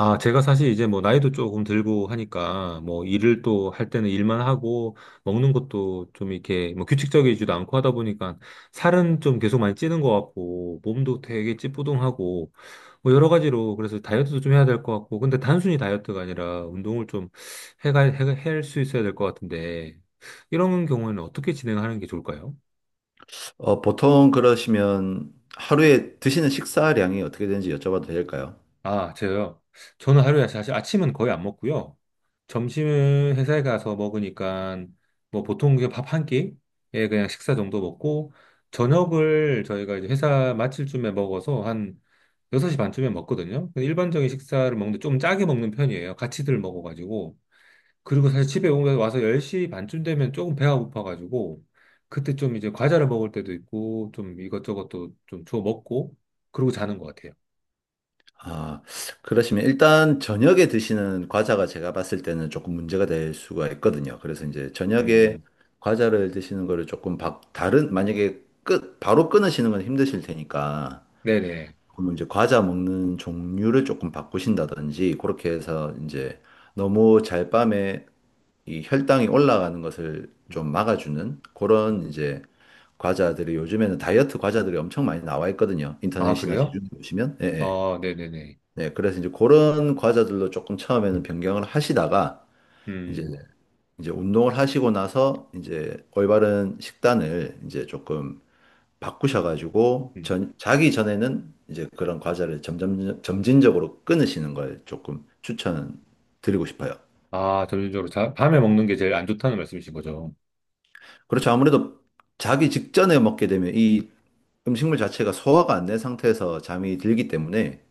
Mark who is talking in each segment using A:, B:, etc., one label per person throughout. A: 아, 제가 사실 이제 뭐 나이도 조금 들고 하니까 뭐 일을 또 할 때는 일만 하고 먹는 것도 좀 이렇게 뭐 규칙적이지도 않고 하다 보니까 살은 좀 계속 많이 찌는 것 같고 몸도 되게 찌뿌둥하고 뭐 여러 가지로 그래서 다이어트도 좀 해야 될 것 같고 근데 단순히 다이어트가 아니라 운동을 좀 해가 할 수 있어야 될 것 같은데 이런 경우에는 어떻게 진행하는 게 좋을까요?
B: 보통 그러시면 하루에 드시는 식사량이 어떻게 되는지 여쭤봐도 될까요?
A: 아, 제가요. 저는 하루에 사실 아침은 거의 안 먹고요. 점심은 회사에 가서 먹으니까 뭐 보통 그냥 밥 한 끼에 그냥 식사 정도 먹고 저녁을 저희가 이제 회사 마칠쯤에 먹어서 한 6시 반쯤에 먹거든요. 근데 일반적인 식사를 먹는데 좀 짜게 먹는 편이에요. 같이들 먹어가지고. 그리고 사실 집에 와서 10시 반쯤 되면 조금 배가 고파가지고 그때 좀 이제 과자를 먹을 때도 있고 좀 이것저것 또 좀 주워 먹고 그러고 자는 것 같아요.
B: 아, 그러시면 일단 저녁에 드시는 과자가 제가 봤을 때는 조금 문제가 될 수가 있거든요. 그래서 이제
A: 음,
B: 저녁에
A: 음.
B: 과자를 드시는 거를 조금 바, 다른, 만약에 끝, 바로 끊으시는 건 힘드실 테니까
A: 네네.
B: 그러면 이제 과자 먹는 종류를 조금 바꾸신다든지 그렇게 해서 이제 너무 잘 밤에 이 혈당이 올라가는 것을 좀
A: 음,
B: 막아주는
A: 음.
B: 그런 이제 과자들이 요즘에는 다이어트 과자들이 엄청 많이 나와 있거든요.
A: 아,
B: 인터넷이나
A: 그래요?
B: 시중에 보시면. 예, 예.
A: 아, 네네네.
B: 네, 그래서 이제 그런 과자들로 조금 처음에는 변경을 하시다가 이제
A: 음,
B: 이제 운동을 하시고 나서 이제 올바른 식단을 이제 조금 바꾸셔가지고
A: 음.
B: 자기 전에는 이제 그런 과자를 점점 점진적으로 끊으시는 걸 조금 추천 드리고 싶어요.
A: 아, 전체적으로 자, 밤에 먹는 게 제일 안 좋다는 말씀이신 거죠?
B: 그렇죠. 아무래도 자기 직전에 먹게 되면 이 음식물 자체가 소화가 안 된 상태에서 잠이 들기 때문에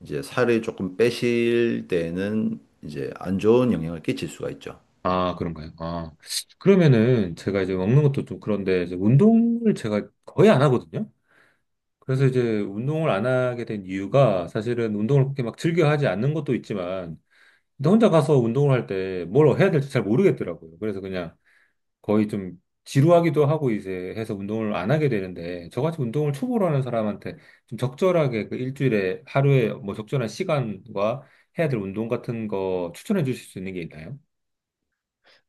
B: 이제 살을 조금 빼실 때에는 이제 안 좋은 영향을 끼칠 수가 있죠.
A: 아, 그런가요? 아, 그러면은 제가 이제 먹는 것도 좀 그런데 이제 운동을 제가 거의 안 하거든요? 그래서 이제 운동을 안 하게 된 이유가 사실은 운동을 그렇게 막 즐겨 하지 않는 것도 있지만, 근데 혼자 가서 운동을 할 때 뭘 해야 될지 잘 모르겠더라고요. 그래서 그냥 거의 좀 지루하기도 하고 이제 해서 운동을 안 하게 되는데 저같이 운동을 초보로 하는 사람한테 좀 적절하게 그 일주일에 하루에 뭐 적절한 시간과 해야 될 운동 같은 거 추천해 주실 수 있는 게 있나요?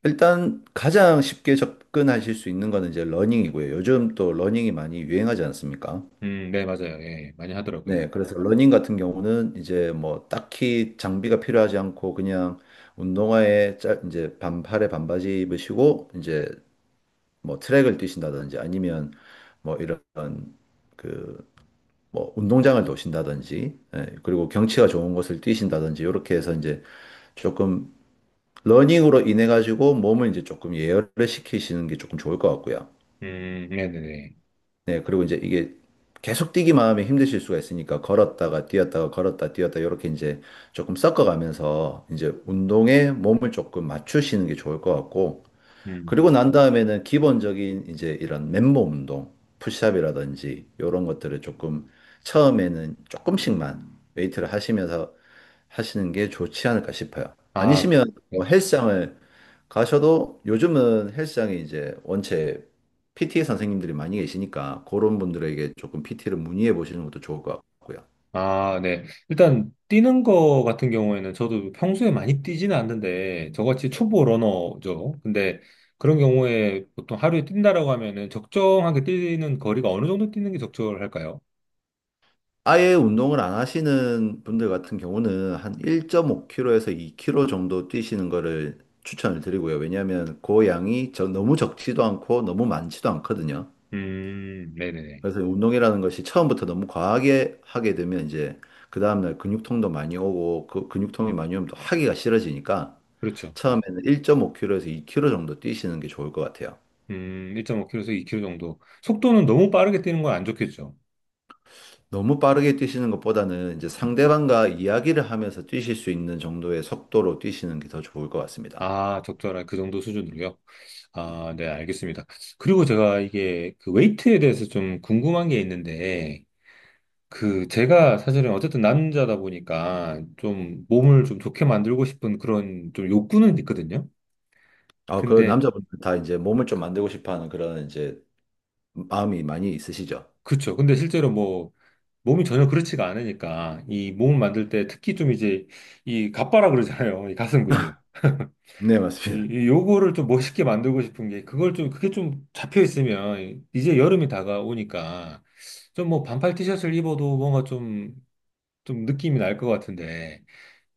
B: 일단 가장 쉽게 접근하실 수 있는 거는 이제 러닝이고요. 요즘 또 러닝이 많이 유행하지 않습니까?
A: 네, 맞아요. 예, 많이 하더라고요.
B: 네, 그래서 러닝 같은 경우는 이제 뭐 딱히 장비가 필요하지 않고 그냥 운동화에 이제 반팔에 반바지 입으시고 이제 뭐 트랙을 뛰신다든지 아니면 뭐 이런 그 뭐 운동장을 도신다든지 예, 그리고 경치가 좋은 곳을 뛰신다든지 이렇게 해서 이제 조금 러닝으로 인해 가지고 몸을 이제 조금 예열을 시키시는 게 조금 좋을 것 같고요.
A: 네네네.
B: 네, 그리고 이제 이게 계속 뛰기만 하면 힘드실 수가 있으니까 걸었다가 뛰었다가 걸었다 뛰었다 이렇게 이제 조금 섞어가면서 이제 운동에 몸을 조금 맞추시는 게 좋을 것 같고
A: 음,
B: 그리고 난 다음에는 기본적인 이제 이런 맨몸 운동, 푸시업이라든지 이런 것들을 조금 처음에는 조금씩만 웨이트를 하시면서 하시는 게 좋지 않을까 싶어요.
A: 아,
B: 아니시면
A: 네.
B: 뭐 헬스장을 가셔도 요즘은 헬스장에 이제 원체 PT 선생님들이 많이 계시니까 그런 분들에게 조금 PT를 문의해 보시는 것도 좋을 것 같고요.
A: 아, 네. 일단 뛰는 거 같은 경우에는 저도 평소에 많이 뛰지는 않는데 저같이 초보 러너죠. 근데 그런 경우에 보통 하루에 뛴다라고 하면은 적정하게 뛰는 거리가 어느 정도 뛰는 게 적절할까요?
B: 아예 운동을 안 하시는 분들 같은 경우는 한 1.5km에서 2km 정도 뛰시는 거를 추천을 드리고요. 왜냐하면 그 양이 너무 적지도 않고 너무 많지도 않거든요.
A: 네네네.
B: 그래서 운동이라는 것이 처음부터 너무 과하게 하게 되면 이제 그 다음날 근육통도 많이 오고 그 근육통이 많이 오면 또 하기가 싫어지니까
A: 그렇죠. 네.
B: 처음에는 1.5km에서 2km 정도 뛰시는 게 좋을 것 같아요.
A: 1.5km에서 2km 정도. 속도는 너무 빠르게 뛰는 건 안 좋겠죠.
B: 너무 빠르게 뛰시는 것보다는 이제 상대방과 이야기를 하면서 뛰실 수 있는 정도의 속도로 뛰시는 게 더 좋을 것 같습니다.
A: 아, 적절한 그 정도 수준으로요. 아, 네, 알겠습니다. 그리고 제가 이게 그 웨이트에 대해서 좀 궁금한 게 있는데 그 제가 사실은 어쨌든 남자다 보니까 좀 몸을 좀 좋게 만들고 싶은 그런 좀 욕구는 있거든요.
B: 아, 그
A: 근데
B: 남자분들 다 이제 몸을 좀 만들고 싶어 하는 그런 이제 마음이 많이 있으시죠?
A: 그렇죠. 근데 실제로 뭐 몸이 전혀 그렇지가 않으니까 이 몸을 만들 때 특히 좀 이제 이 갑바라 그러잖아요. 이 가슴 근육.
B: 네,
A: 이,
B: 맞습니다.
A: 이 요거를 좀 멋있게 만들고 싶은 게 그걸 좀 그게 좀 잡혀 있으면 이제 여름이 다가오니까 좀 뭐 반팔 티셔츠를 입어도 뭔가 좀 느낌이 날 것 같은데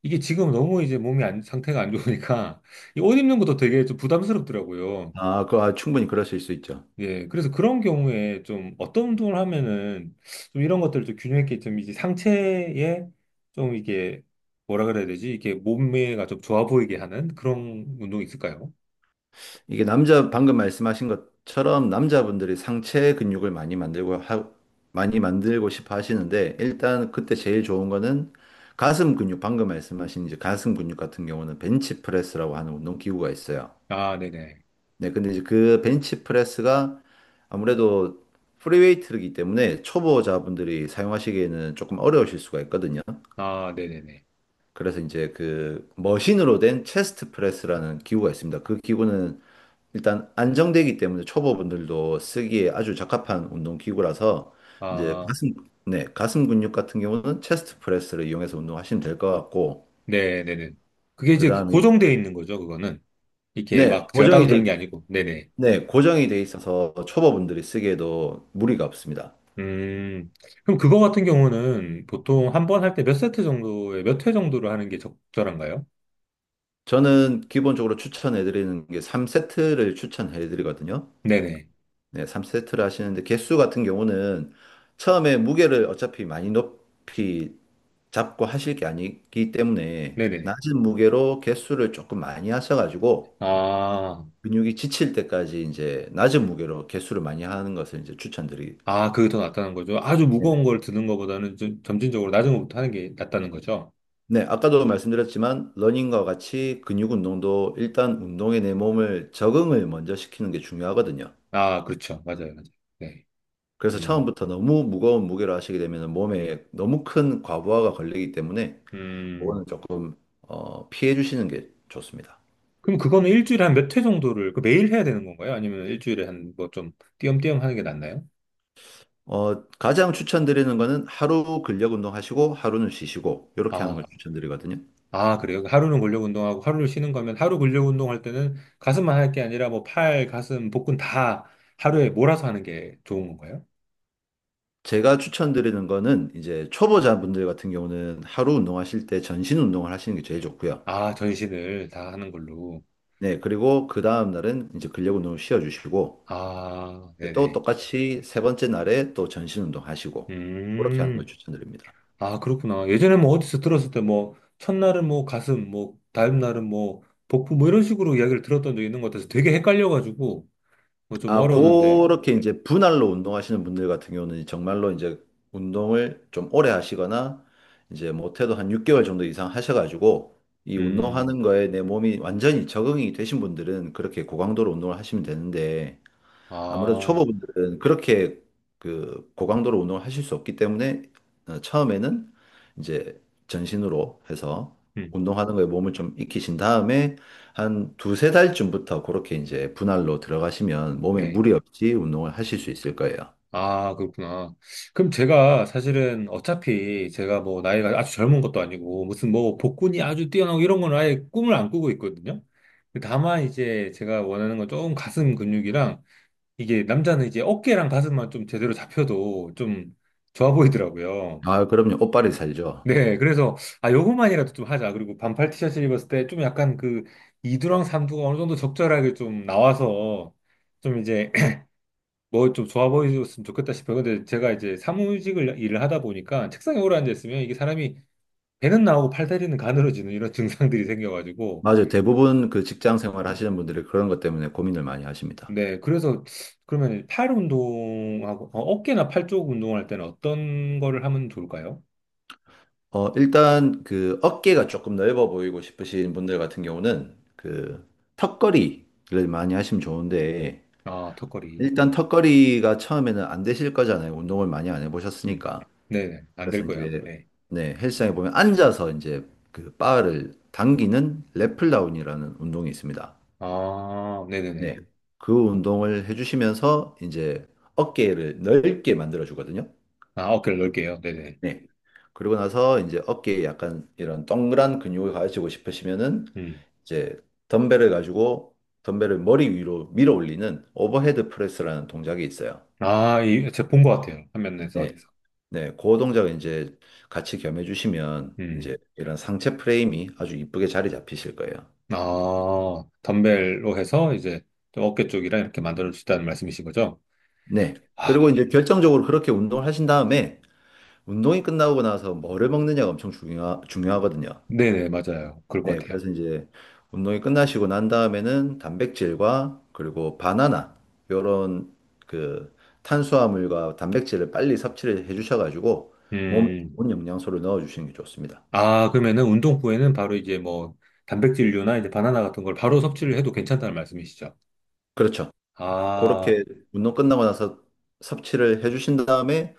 A: 이게 지금 너무 이제 몸이 안, 상태가 안 좋으니까 이 옷 입는 것도 되게 좀 부담스럽더라고요.
B: 아, 충분히 그러실 수 있죠.
A: 예, 그래서 그런 경우에 좀 어떤 운동을 하면은 좀 이런 것들을 좀 균형 있게 좀 이제 상체에 좀 이게 뭐라 그래야 되지? 이게 몸매가 좀 좋아 보이게 하는 그런 운동이 있을까요?
B: 이게 남자 방금 말씀하신 것처럼 남자분들이 상체 근육을 많이 만들고 싶어 하시는데 일단 그때 제일 좋은 거는 가슴 근육 방금 말씀하신 이제 가슴 근육 같은 경우는 벤치프레스라고 하는 운동 기구가 있어요.
A: 아, 네네.
B: 네, 근데 이제 그 벤치 프레스가 아무래도 프리웨이트이기 때문에 초보자분들이 사용하시기에는 조금 어려우실 수가 있거든요.
A: 아, 네네네.
B: 그래서 이제 그 머신으로 된 체스트 프레스라는 기구가 있습니다. 그 기구는 일단 안정되기 때문에 초보분들도 쓰기에 아주 적합한 운동 기구라서 이제
A: 아,
B: 네, 가슴 근육 같은 경우는 체스트 프레스를 이용해서 운동하시면 될 것 같고,
A: 네네네. 그게
B: 그
A: 이제 그
B: 다음에,
A: 고정되어 있는 거죠, 그거는. 이렇게
B: 네,
A: 막 제가
B: 고정이
A: 따로
B: 돼,
A: 드는 게
B: 있-
A: 아니고. 네네.
B: 네, 고정이 돼 있어서 초보분들이 쓰기에도 무리가 없습니다.
A: 음, 그럼 그거 같은 경우는 보통 한 번 할 때 몇 세트 정도에 몇 회 정도를 하는 게 적절한가요?
B: 저는 기본적으로 추천해드리는 게 3세트를 추천해드리거든요.
A: 네네.
B: 네, 3세트를 하시는데 개수 같은 경우는 처음에 무게를 어차피 많이 높이 잡고 하실 게 아니기 때문에
A: 네네.
B: 낮은 무게로 개수를 조금 많이 하셔가지고
A: 아,
B: 근육이 지칠 때까지 이제 낮은 무게로 개수를 많이 하는 것을 이제 추천드리.
A: 아, 그게 더 낫다는 거죠. 아주
B: 네네.
A: 무거운 걸 드는 것보다는 좀 점진적으로 낮은 것부터 하는 게 낫다는 거죠.
B: 네, 아까도 말씀드렸지만 러닝과 같이 근육 운동도 일단 운동에 내 몸을 적응을 먼저 시키는 게 중요하거든요.
A: 아, 그렇죠. 맞아요. 맞아요. 네.
B: 그래서
A: 음,
B: 처음부터 너무 무거운 무게를 하시게 되면 몸에 너무 큰 과부하가 걸리기 때문에
A: 음.
B: 그거는 조금 피해 주시는 게 좋습니다.
A: 그럼 그거는 일주일에 한 몇 회 정도를, 그 매일 해야 되는 건가요? 아니면 일주일에 한 뭐 좀 띄엄띄엄 하는 게 낫나요?
B: 가장 추천드리는 거는 하루 근력 운동 하시고 하루는 쉬시고 이렇게 하는 걸
A: 아,
B: 추천드리거든요.
A: 아, 그래요? 그 하루는 근력 운동하고 하루를 쉬는 거면 하루 근력 운동할 때는 가슴만 할 게 아니라 뭐 팔, 가슴, 복근 다 하루에 몰아서 하는 게 좋은 건가요?
B: 제가 추천드리는 거는 이제 초보자분들 같은 경우는 하루 운동하실 때 전신 운동을 하시는 게 제일 좋고요.
A: 아, 전신을 다 하는 걸로.
B: 네, 그리고 그 다음 날은 이제 근력 운동을 쉬어 주시고
A: 아,
B: 또
A: 네네.
B: 똑같이 세 번째 날에 또 전신 운동 하시고 그렇게 하는 걸
A: 음,
B: 추천드립니다.
A: 아, 그렇구나. 예전에 뭐 어디서 들었을 때 뭐 첫날은 뭐 가슴, 뭐 다음 날은 뭐 복부 뭐 이런 식으로 이야기를 들었던 적이 있는 것 같아서 되게 헷갈려가지고 뭐 좀
B: 아,
A: 어려웠는데.
B: 그렇게 이제 분할로 운동하시는 분들 같은 경우는 정말로 이제 운동을 좀 오래 하시거나 이제 못해도 한 6개월 정도 이상 하셔가지고 이
A: 음,
B: 운동하는 거에 내 몸이 완전히 적응이 되신 분들은 그렇게 고강도로 운동을 하시면 되는데 아무래도
A: 아,
B: 초보분들은 그렇게 그 고강도로 운동을 하실 수 없기 때문에 처음에는 이제 전신으로 해서
A: 음,
B: 운동하는 거에 몸을 좀 익히신 다음에 한 두세 달쯤부터 그렇게 이제 분할로 들어가시면 몸에
A: 네.
B: 무리 없이 운동을 하실 수 있을 거예요.
A: 아, 그렇구나. 그럼 제가 사실은 어차피 제가 뭐 나이가 아주 젊은 것도 아니고 무슨 뭐 복근이 아주 뛰어나고 이런 건 아예 꿈을 안 꾸고 있거든요. 다만 이제 제가 원하는 건 좀 가슴 근육이랑 이게 남자는 이제 어깨랑 가슴만 좀 제대로 잡혀도 좀 좋아 보이더라고요.
B: 아, 그럼요. 옷빨이 살죠.
A: 네, 그래서 아 요것만이라도 좀 하자. 그리고 반팔 티셔츠 입었을 때 좀 약간 그 이두랑 삼두가 어느 정도 적절하게 좀 나와서 좀 이제 뭐 좀 좋아 보였으면 좋겠다 싶어요. 근데 제가 이제 사무직을 일을 하다 보니까 책상에 오래 앉아있으면 이게 사람이 배는 나오고 팔 다리는 가늘어지는 이런 증상들이 생겨가지고.
B: 맞아요. 대부분 그 직장 생활 하시는 분들이 그런 것 때문에 고민을 많이 하십니다.
A: 네, 그래서 그러면 팔 운동하고 어깨나 팔 쪽 운동할 때는 어떤 거를 하면 좋을까요?
B: 일단 그 어깨가 조금 넓어 보이고 싶으신 분들 같은 경우는 그 턱걸이를 많이 하시면 좋은데
A: 아, 턱걸이.
B: 일단
A: 네.
B: 턱걸이가 처음에는 안 되실 거잖아요. 운동을 많이 안
A: 음.
B: 해보셨으니까.
A: 네네. 안 될
B: 그래서
A: 거예요. 아마.
B: 이제
A: 네.
B: 네, 헬스장에 보면 앉아서 이제 그 바를 당기는 랩플다운이라는 운동이 있습니다.
A: 아,
B: 네.
A: 네네네.
B: 그 운동을 해주시면서 이제 어깨를 넓게 만들어 주거든요.
A: 아, 어깨를 넓게요. 네네.
B: 네. 그리고 나서 이제 어깨에 약간 이런 동그란 근육을 가지고 싶으시면은
A: 음.
B: 이제 덤벨을 가지고 덤벨을 머리 위로 밀어 올리는 오버헤드 프레스라는 동작이 있어요.
A: 아, 이, 제가 본 것 같아요. 화면에서
B: 네.
A: 어디서.
B: 네. 그 동작을 이제 같이 겸해 주시면 이제
A: 음.
B: 이런 상체 프레임이 아주 이쁘게 자리 잡히실 거예요.
A: 아, 덤벨로 해서 이제 좀 어깨 쪽이랑 이렇게 만들어 주시다는 말씀이신 거죠?
B: 네. 그리고
A: 아,
B: 이제 결정적으로 그렇게 운동을 하신 다음에 운동이 끝나고 나서 뭐를 먹느냐가 엄청 중요하거든요.
A: 네네, 맞아요. 그럴 것
B: 네,
A: 같아요.
B: 그래서 이제 운동이 끝나시고 난 다음에는 단백질과 그리고 바나나 요런 그 탄수화물과 단백질을 빨리 섭취를 해 주셔가지고 몸에
A: 음,
B: 좋은 영양소를 넣어 주시는 게 좋습니다.
A: 아, 그러면은 운동 후에는 바로 이제 뭐 단백질류나 이제 바나나 같은 걸 바로 섭취를 해도 괜찮다는 말씀이시죠?
B: 그렇죠.
A: 아,
B: 그렇게 운동 끝나고 나서 섭취를 해 주신 다음에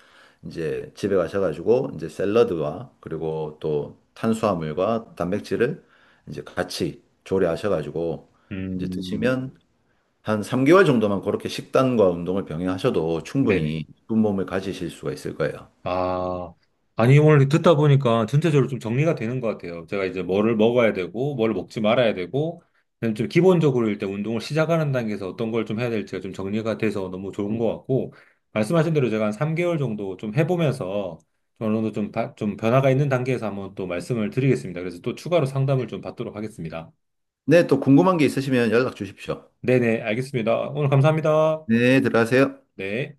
B: 이제 집에 가셔가지고 이제 샐러드와 그리고 또 탄수화물과 단백질을 이제 같이 조리하셔가지고 이제
A: 음,
B: 드시면 한 3개월 정도만 그렇게 식단과 운동을 병행하셔도
A: 네네.
B: 충분히 이쁜 몸을 가지실 수가 있을 거예요.
A: 아, 아니, 오늘 듣다 보니까 전체적으로 좀 정리가 되는 것 같아요. 제가 이제 뭐를 먹어야 되고, 뭘 먹지 말아야 되고, 그다음에 좀 기본적으로 일단 운동을 시작하는 단계에서 어떤 걸 좀 해야 될지가 좀 정리가 돼서 너무 좋은 것 같고, 말씀하신 대로 제가 한 3개월 정도 좀 해보면서 좀 어느 정도 좀, 좀 변화가 있는 단계에서 한번 또 말씀을 드리겠습니다. 그래서 또 추가로 상담을 좀 받도록 하겠습니다.
B: 네, 또 궁금한 게 있으시면 연락 주십시오.
A: 네네, 알겠습니다. 오늘 감사합니다.
B: 네, 들어가세요.
A: 네.